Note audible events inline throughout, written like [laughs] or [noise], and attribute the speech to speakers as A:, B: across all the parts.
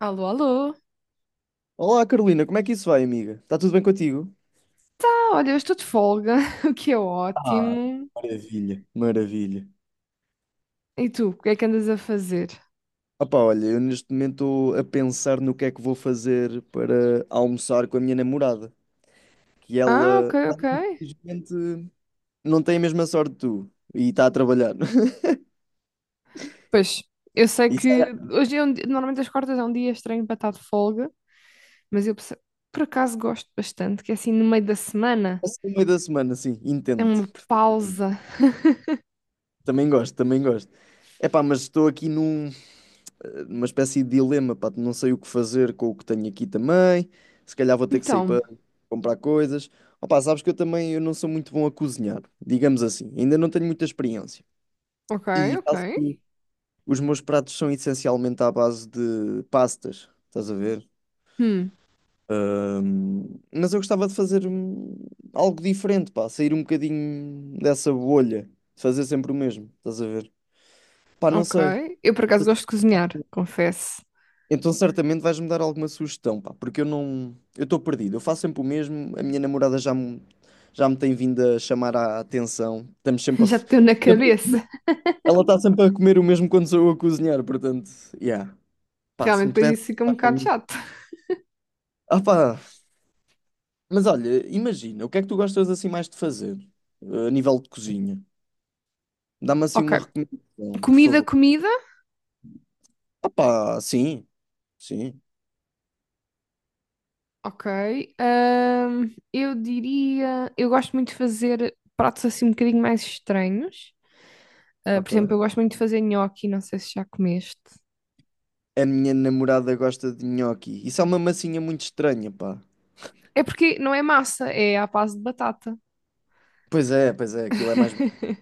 A: Alô, alô.
B: Olá, Carolina, como é que isso vai, amiga? Está tudo bem contigo?
A: Tá, olha, eu estou de folga, [laughs] o que é
B: Ah,
A: ótimo.
B: maravilha. Maravilha.
A: E tu, o que é que andas a fazer?
B: Opá, olha, eu neste momento estou a pensar no que é que vou fazer para almoçar com a minha namorada, que
A: Ah, ok,
B: ela,
A: ok.
B: infelizmente, não tem a mesma sorte que tu e está a trabalhar. [laughs]
A: Pois, eu sei
B: E
A: que
B: sai
A: hoje é um normalmente as quartas é um dia estranho para estar de folga, mas eu por acaso gosto bastante, que é assim no meio da semana,
B: assim no meio da semana, sim,
A: é
B: entendo.
A: uma pausa. [laughs]
B: Também gosto, também gosto. Epá, mas estou aqui numa espécie de dilema, pá, não sei o que fazer com o que tenho aqui também, se calhar vou ter que sair
A: Então,
B: para comprar coisas. Opa, sabes que eu também eu não sou muito bom a cozinhar, digamos assim, ainda não tenho muita experiência.
A: ok,
B: E
A: ok.
B: faço- os meus pratos são essencialmente à base de pastas, estás a ver?
A: Hum,
B: Mas eu gostava de fazer algo diferente, pá, sair um bocadinho dessa bolha, de fazer sempre o mesmo, estás a ver? Pá, não sei.
A: ok. Eu por acaso gosto de cozinhar, confesso.
B: Então certamente vais-me dar alguma sugestão, pá, porque eu não, eu estou perdido. Eu faço sempre o mesmo, a minha namorada já me tem vindo a chamar a atenção. Estamos
A: [laughs]
B: sempre a,
A: Já
B: f-
A: te deu na
B: sempre-
A: cabeça.
B: ela está sempre a comer o mesmo quando sou eu a cozinhar, portanto, yeah. Pá, se
A: Realmente,
B: me
A: depois
B: pudesse
A: isso fica um
B: ajudar com
A: bocado
B: isso.
A: chato.
B: Ah, pá, mas olha, imagina, o que é que tu gostas assim mais de fazer, a nível de cozinha? Dá-me assim
A: Ok.
B: uma recomendação, por
A: Comida,
B: favor.
A: comida.
B: Ah, pá, sim, sim,
A: Ok. Eu diria. Eu gosto muito de fazer pratos assim um bocadinho mais estranhos. Ah, por exemplo,
B: ok.
A: eu gosto muito de fazer nhoque, não sei se já comeste.
B: A minha namorada gosta de nhoque. Isso é uma massinha muito estranha, pá.
A: É porque não é massa, é à base de batata.
B: Pois é, aquilo é mais.
A: [laughs]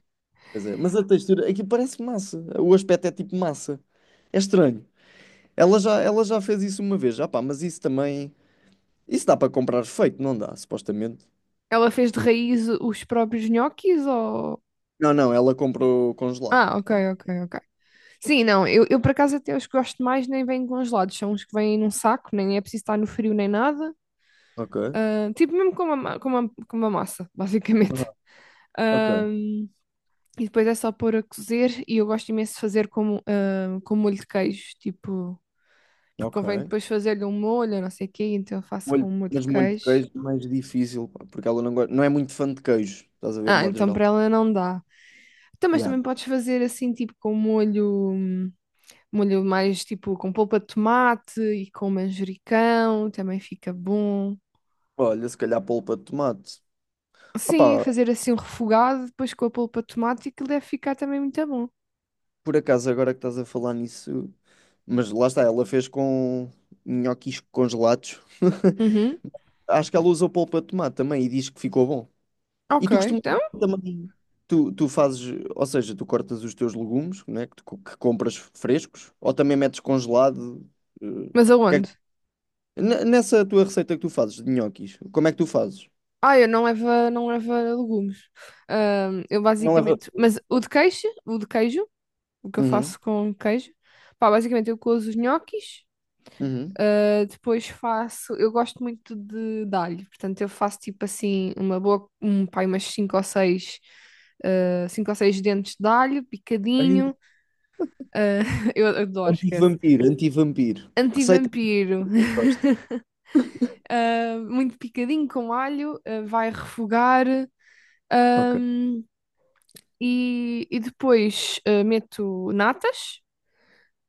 B: Pois é. Mas a textura, aquilo parece massa. O aspecto é tipo massa. É estranho. Ela já fez isso uma vez, já pá, mas isso também. Isso dá para comprar feito, não dá, supostamente.
A: Ela fez de raiz os próprios nhoques ou.
B: Não, não, ela comprou congelado.
A: Ah, ok, ok, ok. Sim, não, eu por acaso até os que gosto mais nem vêm congelados, são os que vêm num saco, nem é preciso estar no frio nem nada.
B: Ok.
A: Ah, tipo mesmo com uma, com uma, com uma massa, [laughs] basicamente.
B: Aham, ok,
A: E depois é só pôr a cozer e eu gosto imenso de fazer com, ah, com molho de queijo, tipo, porque
B: ok.
A: convém depois fazer-lhe um molho, não sei o quê, então eu faço com
B: Molho,
A: um molho de
B: mas molho de
A: queijo.
B: queijo é mais difícil, pá, porque ela não gosta, não é muito fã de queijo, estás a ver, de
A: Ah,
B: modo
A: então
B: geral.
A: para ela não dá. Então, mas
B: Yeah.
A: também podes fazer assim, tipo, com molho, molho mais tipo com polpa de tomate e com manjericão, também fica bom.
B: Olha, se calhar polpa de tomate. Ah,
A: Sim,
B: pá,
A: fazer assim um refogado, depois com a polpa de tomate, e que deve ficar também muito bom.
B: por acaso, agora que estás a falar nisso, mas lá está, ela fez com nhoquis congelados. [laughs]
A: Uhum.
B: Acho que ela usou polpa de tomate também e diz que ficou bom. E
A: Ok,
B: tu costumas
A: então,
B: também, tu fazes, ou seja, tu cortas os teus legumes, né, que, que compras frescos, ou também metes congelado. Eh, o
A: mas
B: que é
A: aonde?
B: que- N- nessa tua receita que tu fazes de nhoquis, como é que tu fazes?
A: Ah, eu não levo, não levo legumes. Eu
B: Não leva.
A: basicamente. Mas o de queijo, o que eu
B: Uhum,
A: faço com queijo, pá, basicamente eu cozo os nhoquis,
B: uhum.
A: ah, depois faço. Eu gosto muito de alho, portanto eu faço tipo assim, uma boa. Um, pá, umas 5 ou 6. Cinco ou seis dentes de alho,
B: Vampiro,
A: picadinho. Ah, [laughs] eu adoro, esquece.
B: anti-vampiro. Receita.
A: Antivampiro, [laughs] ah, muito picadinho com alho, ah, vai refogar.
B: Ok.
A: Ahm, e depois meto natas.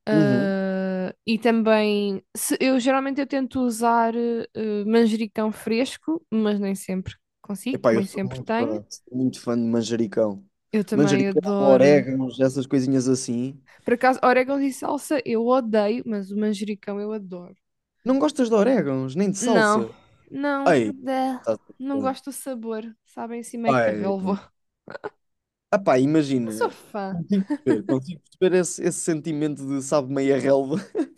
A: Ah, e também, eu geralmente eu tento usar manjericão fresco, mas nem sempre consigo,
B: Epá, eu
A: nem
B: sou
A: sempre
B: muito
A: tenho.
B: fã, sou muito fã de manjericão.
A: Eu também
B: Manjericão,
A: adoro.
B: orégãos, essas coisinhas assim.
A: Por acaso, orégãos e salsa eu odeio, mas o manjericão eu adoro.
B: Não gostas de orégãos, nem de
A: Não,
B: salsa?
A: não,
B: Ei,
A: dá.
B: tá-
A: Não gosto do sabor, sabem assim meio
B: ai.
A: relva.
B: Epá,
A: Não sou
B: imagina.
A: fã.
B: Consigo perceber esse sentimento de sabe meia relva. [laughs]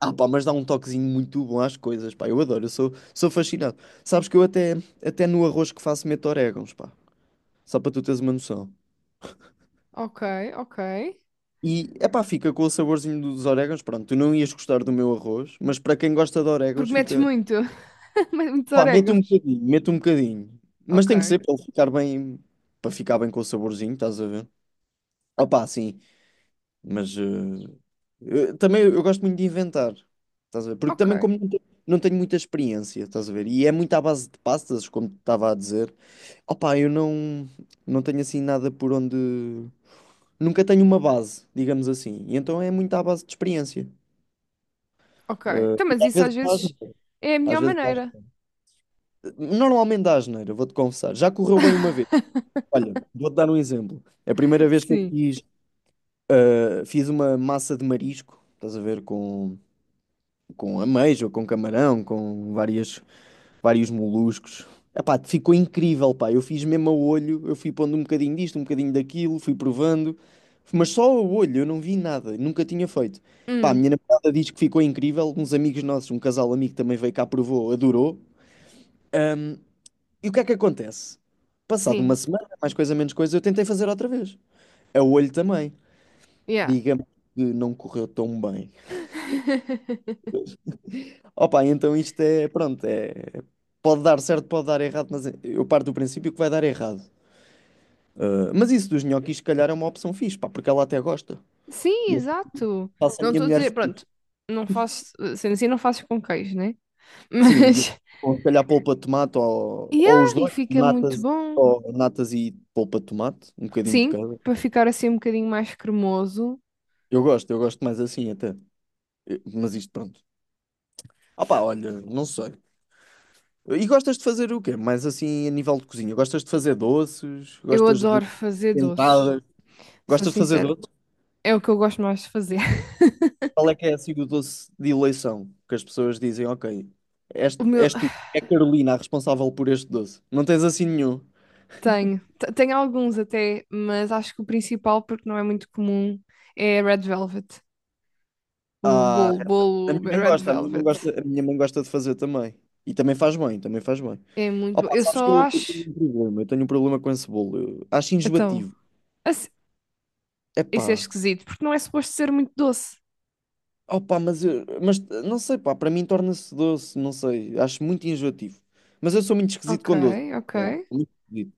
B: Ah, pá, mas dá um toquezinho muito bom às coisas, pá. Eu adoro, eu sou fascinado. Sabes que eu até no arroz que faço meto orégãos, pá. Só para tu teres uma noção.
A: Ok, ok.
B: E, epá, fica com o saborzinho dos orégãos. Pronto, tu não ias gostar do meu arroz, mas para quem gosta de orégãos,
A: Porque metes
B: fica.
A: muito, [laughs] metes muitos
B: Pá, mete um
A: orégãos.
B: bocadinho, mete um bocadinho. Mas
A: Ok,
B: tem que ser para ele ficar bem, para ficar bem com o saborzinho, estás a ver? Opá, sim, mas também eu gosto muito de inventar, estás a ver? Porque
A: ok.
B: também como não tenho muita experiência, estás a ver? E é muito à base de pastas, como te estava a dizer. Opá, eu não tenho assim nada por onde... Nunca tenho uma base, digamos assim. E então é muito à base de experiência.
A: Ok. Então, mas
B: Às
A: isso
B: vezes
A: às
B: dá
A: vezes
B: asneira.
A: é a melhor
B: Às vezes dá
A: maneira.
B: asneira. Normalmente dá asneira, vou-te confessar. Já correu bem uma vez.
A: [laughs]
B: Olha, vou-te dar um exemplo. É a primeira vez que eu
A: Sim.
B: fiz uma massa de marisco, estás a ver, com, ameijo, com camarão, com vários moluscos. Epá, ficou incrível, pá. Eu fiz mesmo a olho, eu fui pondo um bocadinho disto, um bocadinho daquilo, fui provando, mas só a olho, eu não vi nada, nunca tinha feito. Pá, a
A: Hum,
B: minha namorada diz que ficou incrível. Uns amigos nossos, um casal amigo também veio cá, provou, adorou. E o que é que acontece? Passado uma
A: sim.
B: semana, mais coisa, menos coisa, eu tentei fazer outra vez. A olho também.
A: Yeah.
B: Digamos que não correu tão bem.
A: [laughs]
B: Opa, então isto é, pronto, é, pode dar certo, pode dar errado, mas eu parto do princípio que vai dar errado. Ah, mas isso dos nhoquis, se calhar, é uma opção fixe, pá, porque ela até gosta.
A: Sim,
B: E eu
A: exato.
B: faço a
A: Não
B: minha
A: estou a
B: mulher
A: dizer, pronto,
B: feliz.
A: não faço, sendo assim, não faço com queijo, né?
B: Sim, e
A: Mas,
B: ou se calhar polpa de tomate
A: [laughs]
B: ou os
A: yeah, e
B: dois,
A: fica muito
B: natas,
A: bom.
B: ou natas e polpa de tomate, um bocadinho de
A: Sim,
B: cada.
A: para ficar assim um bocadinho mais cremoso,
B: Eu gosto mais assim até. Mas isto, pronto. Opa, olha, não sei. E gostas de fazer o quê? Mais assim, a nível de cozinha? Gostas de fazer doces?
A: eu
B: Gostas de
A: adoro fazer doces,
B: tentadas?
A: sou
B: Gostas de fazer
A: sincera.
B: doces?
A: É o que eu gosto mais de fazer. [laughs]
B: Qual é que é assim o doce de eleição? Que as pessoas dizem, ok, és,
A: O meu,
B: és tu, é a Carolina a responsável por este doce. Não tens assim nenhum.
A: tenho, tenho alguns até, mas acho que o principal, porque não é muito comum, é Red Velvet. O
B: Ah,
A: bolo, bolo Red Velvet.
B: a minha mãe gosta de fazer também. E também faz bem, também faz bem.
A: É muito bom.
B: Opa,
A: Eu
B: sabes que
A: só
B: eu tenho
A: acho.
B: um problema, eu tenho um problema com esse bolo. Eu acho
A: Então,
B: enjoativo.
A: assim,
B: Epá,
A: isso é esquisito, porque não é suposto ser muito doce.
B: opa, mas não sei, pá, para mim torna-se doce, não sei, acho muito enjoativo. Mas eu sou muito esquisito
A: Ok,
B: com doce.
A: ok.
B: Não, muito esquisito.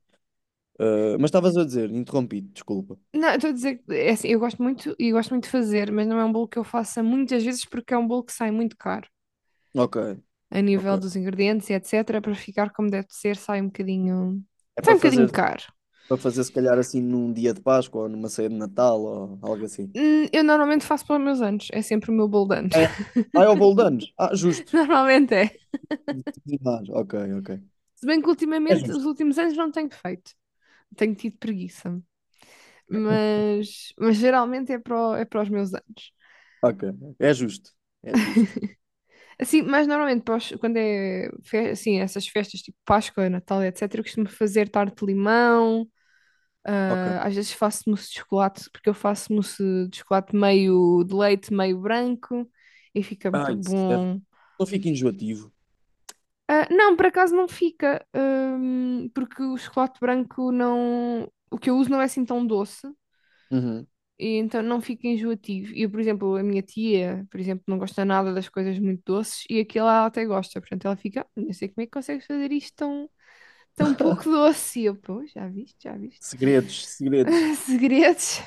B: Ah, mas estavas a dizer, interrompi, desculpa.
A: Não, eu estou a dizer que é assim, eu gosto muito e gosto muito de fazer, mas não é um bolo que eu faça muitas vezes porque é um bolo que sai muito caro
B: Ok,
A: a
B: ok.
A: nível dos ingredientes e etc. Para ficar como deve ser, sai um bocadinho.
B: É
A: Sai
B: para
A: um bocadinho
B: fazer,
A: caro.
B: para fazer se calhar assim num dia de Páscoa ou numa ceia de Natal ou algo assim.
A: Eu normalmente faço para os meus anos, é sempre o meu bolo de anos.
B: É. Ah, é o bolo de anos. Ah,
A: [laughs]
B: justo.
A: Normalmente é.
B: Ah, ok, ok.
A: Se bem que
B: É
A: ultimamente, os
B: justo.
A: últimos anos não tenho feito, tenho tido preguiça, mas geralmente é para, é para os meus anos.
B: Ok, é justo. É justo.
A: Assim, mas normalmente para quando é assim, essas festas tipo Páscoa, Natal, etc., eu costumo fazer tarte de limão,
B: Ok.
A: ah, às vezes faço mousse de chocolate, porque eu faço mousse de chocolate meio de leite, meio branco, e fica
B: Ah,
A: muito
B: isso deve.
A: bom.
B: Não fica enjoativo.
A: Ah, não, por acaso não fica, porque o chocolate branco não. O que eu uso não é assim tão doce,
B: Uhum.
A: e então não fica enjoativo. E, por exemplo, a minha tia, por exemplo, não gosta nada das coisas muito doces, e aquilo ela até gosta, portanto ela fica, "Ah, não sei como é que consegues fazer isto tão, tão pouco doce." E eu, pô, já viste, já viste.
B: Segredos, segredos.
A: [laughs] Segredos,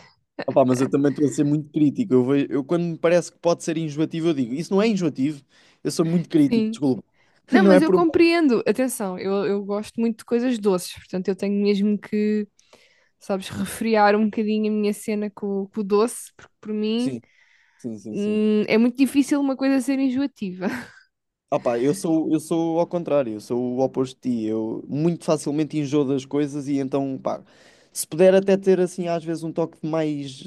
B: Opa, mas eu também estou a ser muito crítico. Eu quando me parece que pode ser enjoativo, eu digo, isso não é enjoativo. Eu sou muito crítico,
A: sim.
B: desculpa. [laughs]
A: Não,
B: Não é
A: mas eu
B: por mal.
A: compreendo. Atenção, eu gosto muito de coisas doces, portanto eu tenho mesmo que, sabes, refriar um bocadinho a minha cena com o doce, porque por mim,
B: Sim, sim, sim, sim.
A: é muito difícil uma coisa ser enjoativa. [laughs]
B: Opa, eu sou ao contrário, eu sou o oposto de ti. Eu muito facilmente enjoo das coisas e então, pá, se puder até ter assim às vezes um toque mais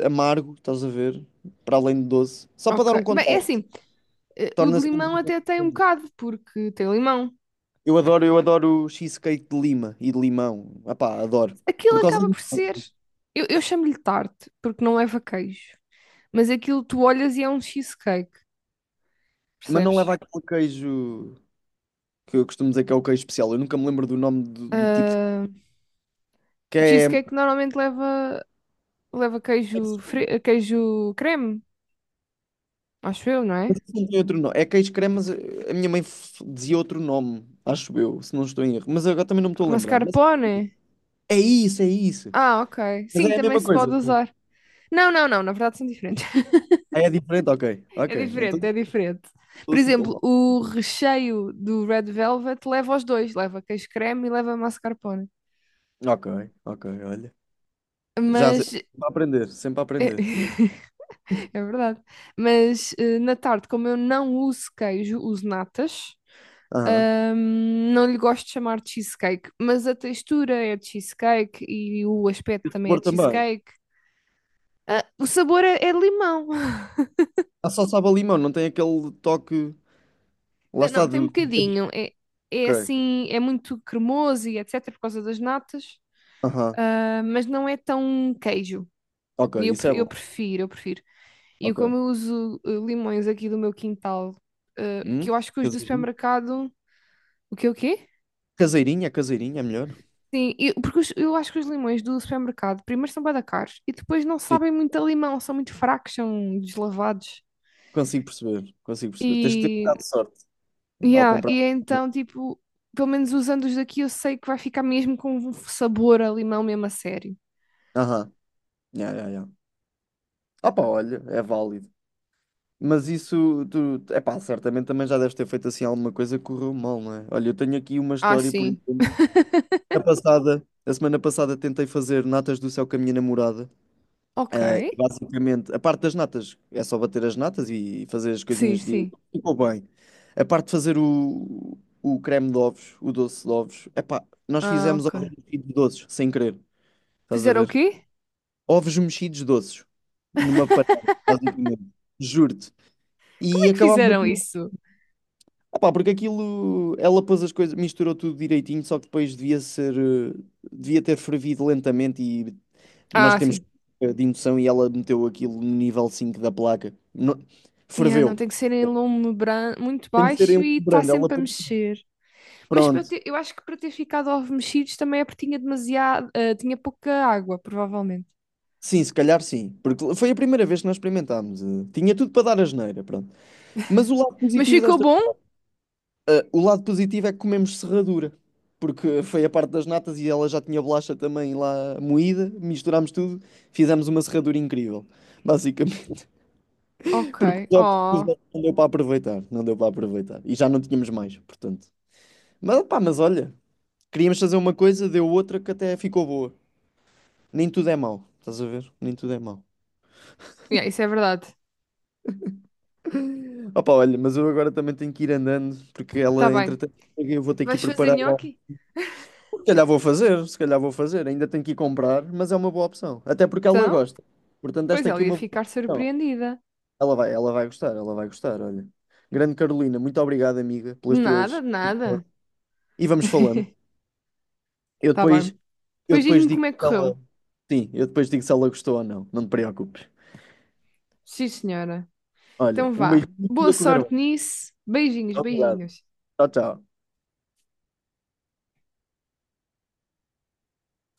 B: amargo, estás a ver? Para além de doce, só para dar
A: Ok.
B: um
A: Bem, é
B: contraste,
A: assim, o de
B: torna-se menos
A: limão até tem um
B: enjoativo.
A: bocado, porque tem limão.
B: Eu adoro cheesecake de lima e de limão. Opá, adoro.
A: Aquilo
B: Por causa
A: acaba por
B: disso.
A: ser. Eu chamo-lhe tarte, porque não leva queijo. Mas aquilo tu olhas e é um cheesecake,
B: Mas não
A: percebes?
B: leva aquele queijo que eu costumo dizer que é o queijo especial. Eu nunca me lembro do nome do tipo de
A: Ah,
B: que
A: o
B: é.
A: cheesecake normalmente leva. Leva queijo, queijo creme, acho eu, não
B: Não
A: é?
B: tem outro nome. É queijo creme, mas a minha mãe dizia outro nome, acho eu, se não estou em erro. Mas agora também não me estou a lembrar. Mas
A: Mascarpone.
B: é isso, é isso.
A: Ah, ok.
B: Mas
A: Sim,
B: é a
A: também
B: mesma
A: se
B: coisa.
A: pode
B: né?
A: usar. Não, não, não, na verdade são diferentes. [laughs]
B: Ah, é diferente? Ok,
A: É
B: ok. Então
A: diferente,
B: não
A: é diferente.
B: estou
A: Por
B: assim tão
A: exemplo,
B: mal.
A: o recheio do Red Velvet leva os dois, leva queijo creme e leva mascarpone.
B: Ok, ok, olha. Já sei.
A: Mas
B: Sempre a aprender, sempre a aprender.
A: [laughs] é verdade. Mas na tarde, como eu não uso queijo, uso natas.
B: Aham.
A: Não lhe gosto de chamar cheesecake, mas a textura é de cheesecake e o aspecto também é
B: Sabor
A: de
B: também.
A: cheesecake. Ah, o sabor é, é limão. [laughs]
B: Ah, só sabe a limão, não tem aquele toque. Lá
A: Não,
B: está
A: não, tem um
B: do.
A: bocadinho. É, é
B: Ok.
A: assim, é muito cremoso e etc. por causa das natas,
B: Aham.
A: ah, mas não é tão queijo.
B: Ok,
A: E eu,
B: isso é
A: eu
B: bom.
A: prefiro, eu prefiro. E eu,
B: Ok.
A: como eu uso limões aqui do meu quintal, que
B: Hum?
A: eu acho que os do
B: Caseirinha.
A: supermercado. O quê, o quê?
B: Caseirinha, caseirinha é melhor.
A: Sim, porque eu acho que os limões do supermercado, primeiro são bué da caros e depois não
B: Sim,
A: sabem muito a limão, são muito fracos, são deslavados.
B: consigo perceber, consigo perceber. Tens que ter um
A: E,
B: bocado de sorte ao
A: yeah,
B: comprar.
A: e é então, tipo, pelo menos usando os daqui, eu sei que vai ficar mesmo com um sabor a limão mesmo a sério.
B: Aham, yeah, yeah, ah, pá, olha, é válido. Mas isso, tu, é pá, certamente também já deves ter feito assim alguma coisa que correu mal, não é? Olha, eu tenho aqui uma
A: Ah,
B: história, por
A: sim.
B: exemplo, a semana passada tentei fazer natas do céu com a minha namorada.
A: Ok.
B: Ah, e basicamente, a parte das natas é só bater as natas e fazer as
A: Sim,
B: coisinhas de
A: sim.
B: ficou bem. A parte de fazer o creme de ovos, o doce de ovos, epá, nós
A: Ah,
B: fizemos
A: ok.
B: ovos mexidos doces, sem querer, estás a
A: Fizeram o
B: ver?
A: quê?
B: Ovos mexidos doces, numa panela,
A: [laughs]
B: basicamente, juro-te.
A: Como
B: E
A: é que
B: acabámos
A: fizeram
B: aquilo,
A: isso?
B: epá, porque aquilo, ela pôs as coisas, misturou tudo direitinho, só que depois devia ter fervido lentamente e nós
A: Ah,
B: temos
A: sim.
B: de indução e ela meteu aquilo no nível 5 da placa.
A: Yeah, não,
B: Ferveu.
A: tem que ser em lume muito
B: Tem que ser em
A: baixo
B: um
A: e está
B: brando, ela
A: sempre a
B: pôs sim.
A: mexer. Mas para eu
B: Pronto.
A: eu acho que para ter ficado ovos mexidos também é porque tinha demasiado, ah, tinha pouca água, provavelmente.
B: Sim, se calhar sim. Porque foi a primeira vez que nós experimentámos. Tinha tudo para dar asneira, pronto. Mas o lado
A: Mas
B: positivo
A: ficou
B: desta.
A: bom?
B: O lado positivo é que comemos serradura. Porque foi a parte das natas e ela já tinha bolacha também lá moída. Misturámos tudo, fizemos uma serradura incrível. Basicamente. [laughs]
A: Ok.
B: Porque os ovos, os
A: Oh,
B: ovos não deu para aproveitar. Não deu para aproveitar. E já não tínhamos mais, portanto. Mas pá, mas olha, queríamos fazer uma coisa, deu outra que até ficou boa. Nem tudo é mau, estás a ver? Nem tudo é mau.
A: yeah, isso é verdade.
B: Opa, olha, mas eu agora também tenho que ir andando, porque
A: Tá
B: ela,
A: bem.
B: entretanto, eu vou ter que ir
A: Vais fazer
B: preparar o
A: nhoque? [laughs]
B: Se calhar vou fazer, se calhar vou fazer. Ainda tenho que ir comprar, mas é uma boa opção. Até porque ela
A: Então,
B: gosta. Portanto,
A: pois
B: esta
A: ela
B: aqui é
A: ia
B: uma boa
A: ficar
B: opção.
A: surpreendida.
B: Ela vai gostar, ela vai gostar, olha. Grande Carolina, muito obrigado, amiga,
A: De
B: pelas tuas.
A: nada, de nada.
B: E vamos falando. Eu
A: Tá bem.
B: depois, eu
A: Pois
B: depois
A: diz-me
B: digo
A: como é que
B: se
A: correu.
B: ela. Sim, eu depois digo se ela gostou ou não. Não te preocupes.
A: Sim, senhora.
B: Olha,
A: Então
B: um
A: vá.
B: beijinho e tudo
A: Boa
B: a correr bem.
A: sorte nisso. Beijinhos,
B: Obrigado.
A: beijinhos.
B: Tchau, tchau.